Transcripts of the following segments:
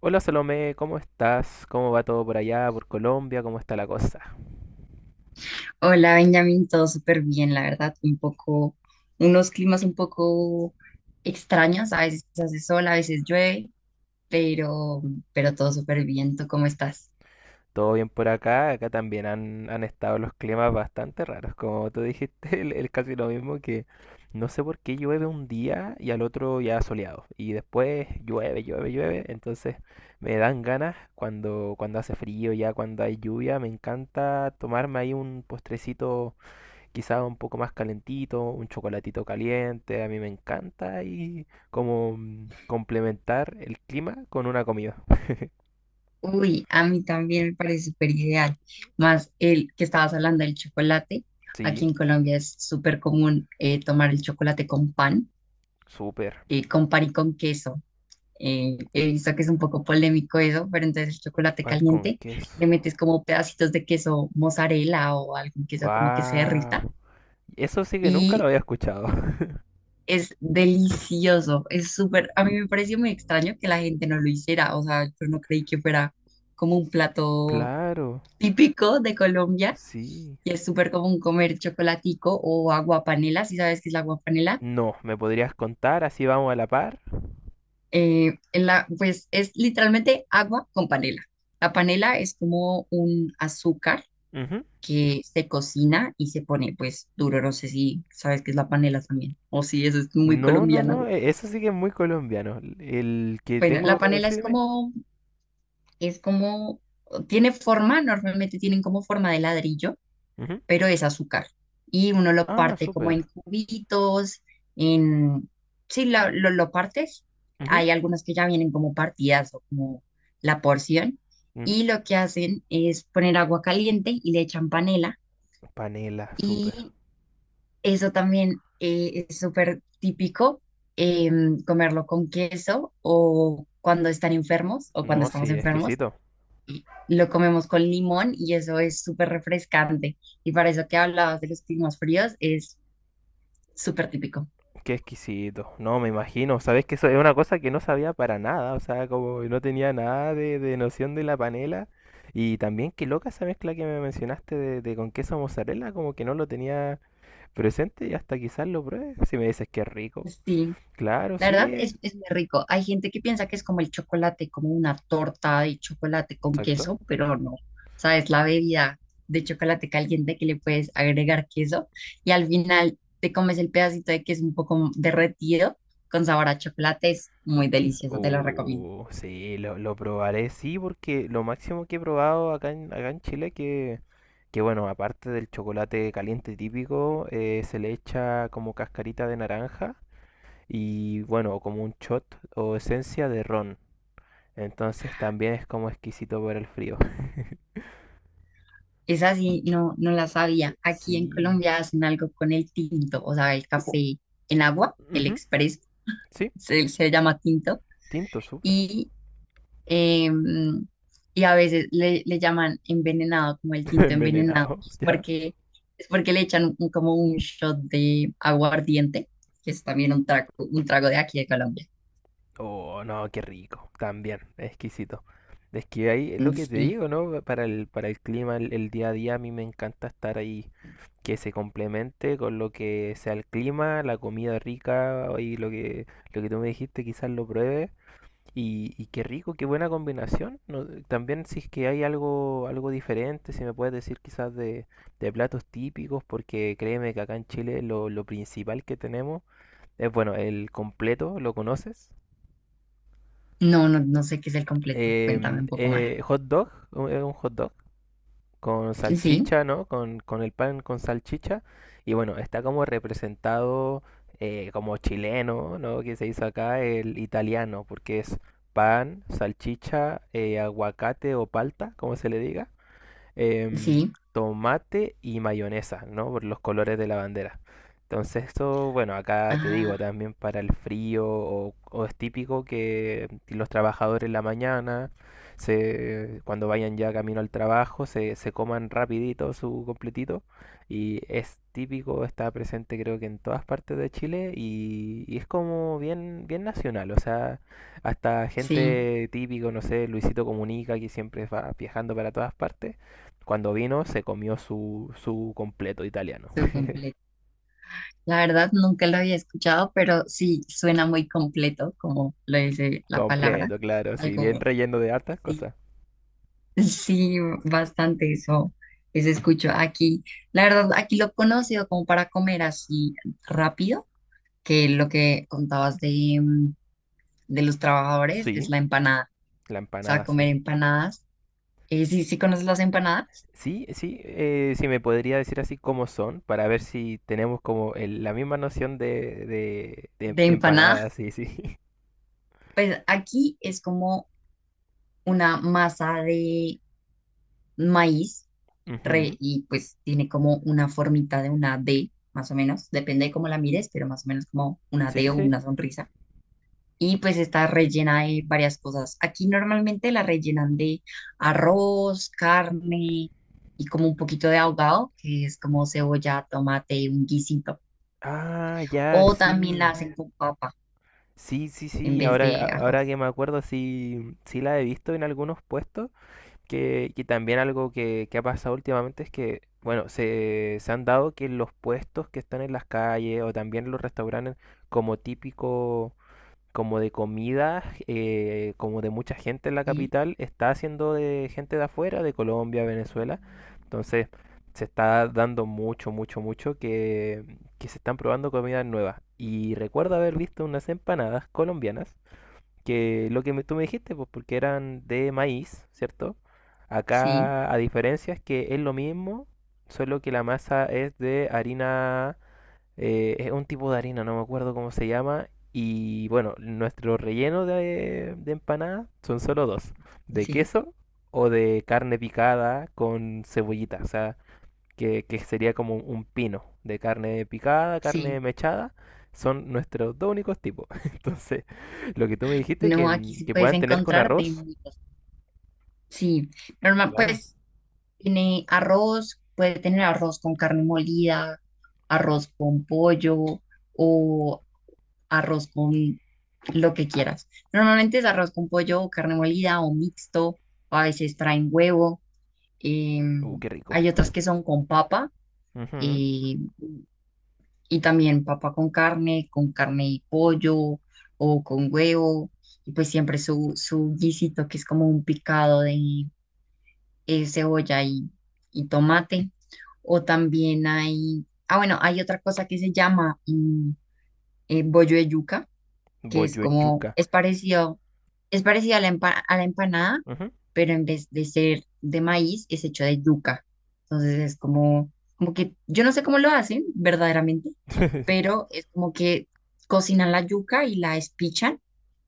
Hola Salomé, ¿cómo estás? ¿Cómo va todo por allá, por Colombia? ¿Cómo está la cosa? Hola Benjamín, todo súper bien, la verdad, un poco, unos climas un poco extraños, a veces hace sol, a veces llueve, pero, pero todo súper bien, ¿tú cómo estás? Todo bien por acá, acá también han estado los climas bastante raros, como tú dijiste, el casi lo mismo que no sé por qué llueve un día y al otro ya soleado, y después llueve, llueve, llueve, entonces me dan ganas cuando hace frío, ya cuando hay lluvia, me encanta tomarme ahí un postrecito quizá un poco más calentito, un chocolatito caliente, a mí me encanta y como complementar el clima con una comida. Uy, a mí también me parece súper ideal, más el que estabas hablando del chocolate, aquí Sí, en Colombia es súper común tomar el chocolate súper. Con pan y con queso. He visto que es un poco polémico eso, pero entonces el chocolate Pan con caliente queso. le metes como pedacitos de queso mozzarella o algún queso como que se derrita Wow. Eso sí que nunca lo y había escuchado. es delicioso, es súper, a mí me pareció muy extraño que la gente no lo hiciera, o sea, yo no creí que fuera como un plato Claro, típico de Colombia sí. y es súper común comer chocolatico o agua panela, si sabes qué es la agua panela. No, ¿me podrías contar? Así vamos a la par. Pues es literalmente agua con panela. La panela es como un azúcar Ujú. que se cocina y se pone pues duro. No sé si sabes qué es la panela también, o si eso es muy No, no, colombiana. no, eso sí que es muy colombiano. El que Bueno, la tengo, panela sí, es dime. como, es como, tiene forma, normalmente tienen como forma de ladrillo, Ujú. pero es azúcar. Y uno lo Ah, parte como en súper. cubitos, en... Sí, lo partes. Ujú, Hay algunos que ya vienen como partidas o como la porción. ujú. Y lo que hacen es poner agua caliente y le echan panela. Panela, súper. Y eso también es súper típico, comerlo con queso o cuando están enfermos o cuando No, estamos sí, enfermos exquisito. lo comemos con limón y eso es súper refrescante. Y para eso que hablabas de los climas fríos, es súper típico. Qué exquisito. No, me imagino. Sabes que eso es una cosa que no sabía para nada. O sea, como no tenía nada de noción de la panela. Y también qué loca esa mezcla que me mencionaste de con queso mozzarella, como que no lo tenía presente y hasta quizás lo pruebe. Si me dices que es rico. Sí, Claro, la sí, verdad es, es muy rico. Hay gente que piensa que es como el chocolate, como una torta de chocolate con exacto. queso, pero no. O sea, es la bebida de chocolate caliente que le puedes agregar queso y al final te comes el pedacito de queso un poco derretido con sabor a chocolate. Es muy delicioso, te lo recomiendo. Sí, lo probaré, sí, porque lo máximo que he probado acá en Chile que bueno, aparte del chocolate caliente típico, se le echa como cascarita de naranja y bueno, como un shot o esencia de ron. Entonces también es como exquisito por el frío. Esa sí, no, no la sabía. Aquí en Sí. Colombia hacen algo con el tinto, o sea, el café en agua, el Ujú. expreso, Sí, se llama tinto. tinto, súper. Y, em, y a veces le llaman envenenado, como el tinto envenenado, Envenenado, es ya. porque, es porque le echan como un shot de aguardiente, que es también un trago de aquí de Colombia. Oh, no, qué rico. También, exquisito. Es que ahí es lo Mm. que te Sí. digo, ¿no? Para el clima, el día a día, a mí me encanta estar ahí. Que se complemente con lo que sea el clima, la comida rica y lo que tú me dijiste, quizás lo pruebe. Y qué rico, qué buena combinación. No, también si es que hay algo, algo diferente, si me puedes decir quizás de platos típicos, porque créeme que acá en Chile lo principal que tenemos es, bueno, el completo, ¿lo conoces? No, no sé qué es el completo. Cuéntame Em, un poco más. Hot dog, es un hot dog con Sí, salchicha, ¿no? Con el pan con salchicha. Y bueno, está como representado como chileno, ¿no? Que se hizo acá el italiano, porque es pan, salchicha, aguacate o palta, como se le diga, em, sí. tomate y mayonesa, ¿no? Por los colores de la bandera. Entonces esto, bueno, acá te digo, Ah, también para el frío o es típico que los trabajadores en la mañana, se, cuando vayan ya camino al trabajo, se coman rapidito su completito. Y es típico, está presente creo que en todas partes de Chile y es como bien, bien nacional. O sea, hasta sí, gente típico, no sé, Luisito Comunica, que siempre va viajando para todas partes cuando vino se comió su completo italiano. su completo. La verdad, nunca lo había escuchado, pero sí suena muy completo, como lo dice la palabra. Completo, claro, sí, bien Algo, relleno de hartas sí, cosas. sí, bastante eso, eso escucho aquí. La verdad, aquí lo he conocido como para comer así rápido, que lo que contabas de, de los trabajadores es Sí, la empanada, la o sea, empanada comer sí. empanadas. Sí, sí conoces las empanadas Sí, sí, si me podría decir así cómo son, para ver si tenemos como la misma noción de, de de empanada. empanada, sí, sí. Pues aquí es como una masa de maíz re Ujú. y pues tiene como una formita de una D, más o menos, depende de cómo la mires, pero más o menos como una Sí, D o sí. una sonrisa. Y pues está rellena de varias cosas. Aquí normalmente la rellenan de arroz, carne y como un poquito de ahogado, que es como cebolla, tomate, un guisito. Ah, ya, O también la sí. hacen con papa Sí, sí, en sí. vez Ahora, de arroz. ahora que me acuerdo, sí, sí la he visto en algunos puestos. Que también algo que ha pasado últimamente es que, bueno, se han dado que los puestos que están en las calles o también los restaurantes como típico, como de comida, como de mucha gente en la Sí, capital, está haciendo de gente de afuera, de Colombia, Venezuela. Entonces, se está dando mucho, mucho, mucho que se están probando comidas nuevas. Y recuerdo haber visto unas empanadas colombianas que lo que tú me dijiste, pues porque eran de maíz, ¿cierto? sí, Acá, a diferencia, es que es lo mismo, solo que la masa es de harina, es un tipo de harina, no me acuerdo cómo se llama. Y bueno, nuestro relleno de empanada son solo dos, de sí, queso o de carne picada con cebollita. O sea, que sería como un pino de carne picada, carne sí. mechada. Son nuestros dos únicos tipos. Entonces, lo que tú me dijiste No, que, aquí sí que puedes puedan tener con encontrar de arroz. monitos. Sí, normal, Claro. pues tiene arroz, puede tener arroz con carne molida, arroz con pollo o arroz con lo que quieras. Normalmente es arroz con pollo o carne molida o mixto, o a veces traen huevo. eh, Qué rico. hay otras que son con papa, Ujú. eh, y también papa con carne y pollo o con huevo. Y pues siempre su guisito que es como un picado de, cebolla y tomate. O también hay, ah, bueno, hay otra cosa que se llama bollo de yuca, que Bollo es de como, yuca. Es parecido a la, a la empanada, Ujú. pero en vez de ser de maíz, es hecho de yuca. Entonces es como, como que, yo no sé cómo lo hacen verdaderamente, pero es como que cocinan la yuca y la espichan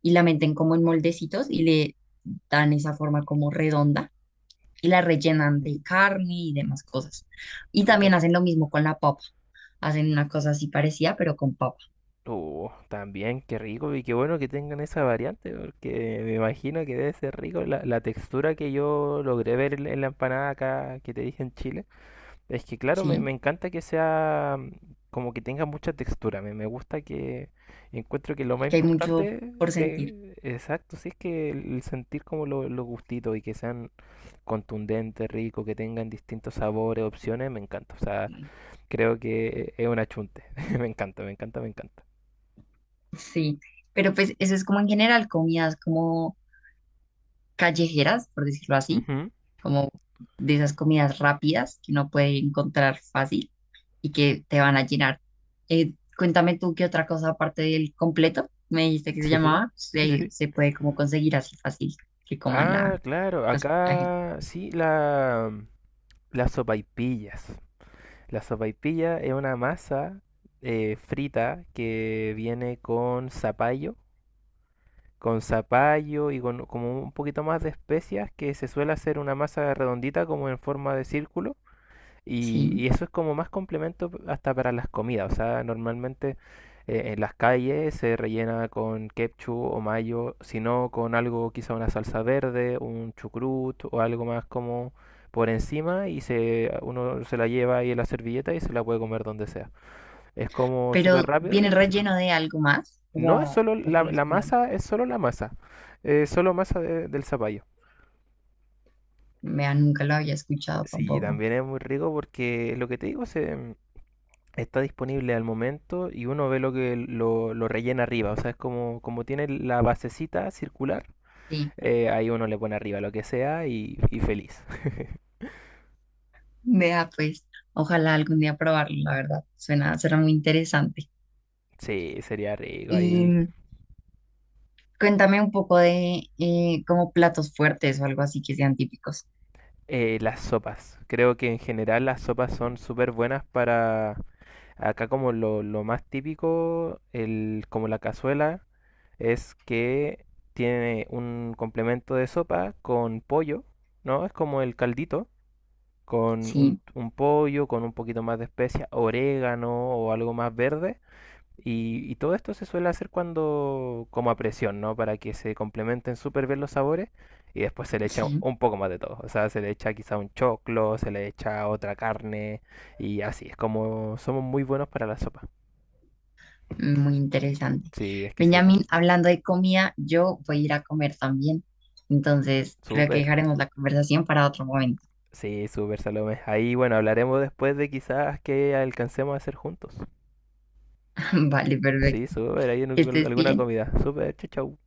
y la meten como en moldecitos y le dan esa forma como redonda y la rellenan de carne y demás cosas. Y Súper. también hacen lo mismo con la papa. Hacen una cosa así parecida, pero con papa, También, qué rico y qué bueno que tengan esa variante, porque me imagino que debe ser rico la textura que yo logré ver en la empanada acá que te dije en Chile. Es que claro, ¿sí? me encanta que sea como que tenga mucha textura. Me gusta que encuentro que lo más Que hay mucho importante por sentir. de, exacto, sí es que el sentir como los gustitos y que sean contundentes, ricos, que tengan distintos sabores, opciones, me encanta. O sea, creo que es un achunte. Me encanta, me encanta, me encanta. Sí, pero pues eso es como en general comidas como callejeras, por decirlo así, Ujú. como de esas comidas rápidas que uno puede encontrar fácil y que te van a llenar. Cuéntame tú qué otra cosa aparte del completo, me dijiste que se Sí, llamaba, sí, se, sí. se puede como conseguir así fácil que coman la, Ah, claro, la gente. acá sí la las sopaipillas. La sopaipilla es una masa frita que viene con zapallo y con como un poquito más de especias que se suele hacer una masa redondita como en forma de círculo Sí, y eso es como más complemento hasta para las comidas. O sea, normalmente en las calles se rellena con ketchup o mayo, sino con algo, quizá una salsa verde, un chucrut o algo más como por encima y se, uno se la lleva ahí en la servilleta y se la puede comer donde sea. Es como súper pero rápido, viene exquisito. relleno de algo más, o No es sea, solo o solo es la melón. masa, es solo la masa. Es solo masa del zapallo. Vea, nunca lo había escuchado Sí, tampoco. también es muy rico porque lo que te digo se, está disponible al momento y uno ve lo que lo rellena arriba. O sea, es como, como tiene la basecita circular, Sí, ahí uno le pone arriba lo que sea y feliz. vea, pues, ojalá algún día probarlo, la verdad, suena, será muy interesante. Sí, sería rico Y ahí. Cuéntame un poco de como platos fuertes o algo así que sean típicos. Las sopas. Creo que en general las sopas son súper buenas para... Acá como lo más típico, el, como la cazuela, es que tiene un complemento de sopa con pollo, ¿no? Es como el caldito con Sí, un pollo, con un poquito más de especia, orégano o algo más verde. Y todo esto se suele hacer cuando, como a presión, ¿no? Para que se complementen súper bien los sabores. Y después se le echa sí, un poco más de todo. O sea, se le echa quizá un choclo, se le echa otra carne. Y así, es como somos muy buenos para la sopa. muy interesante. Sí, exquisito. Benjamín, hablando de comida, yo voy a ir a comer también, entonces creo que Súper. dejaremos la conversación para otro momento. Sí, súper, Salomé. Ahí, bueno, hablaremos después de quizás que alcancemos a hacer juntos. Vale, Sí, perfecto, súper, ahí en que estés alguna bien. comida. Súper, chau, chau.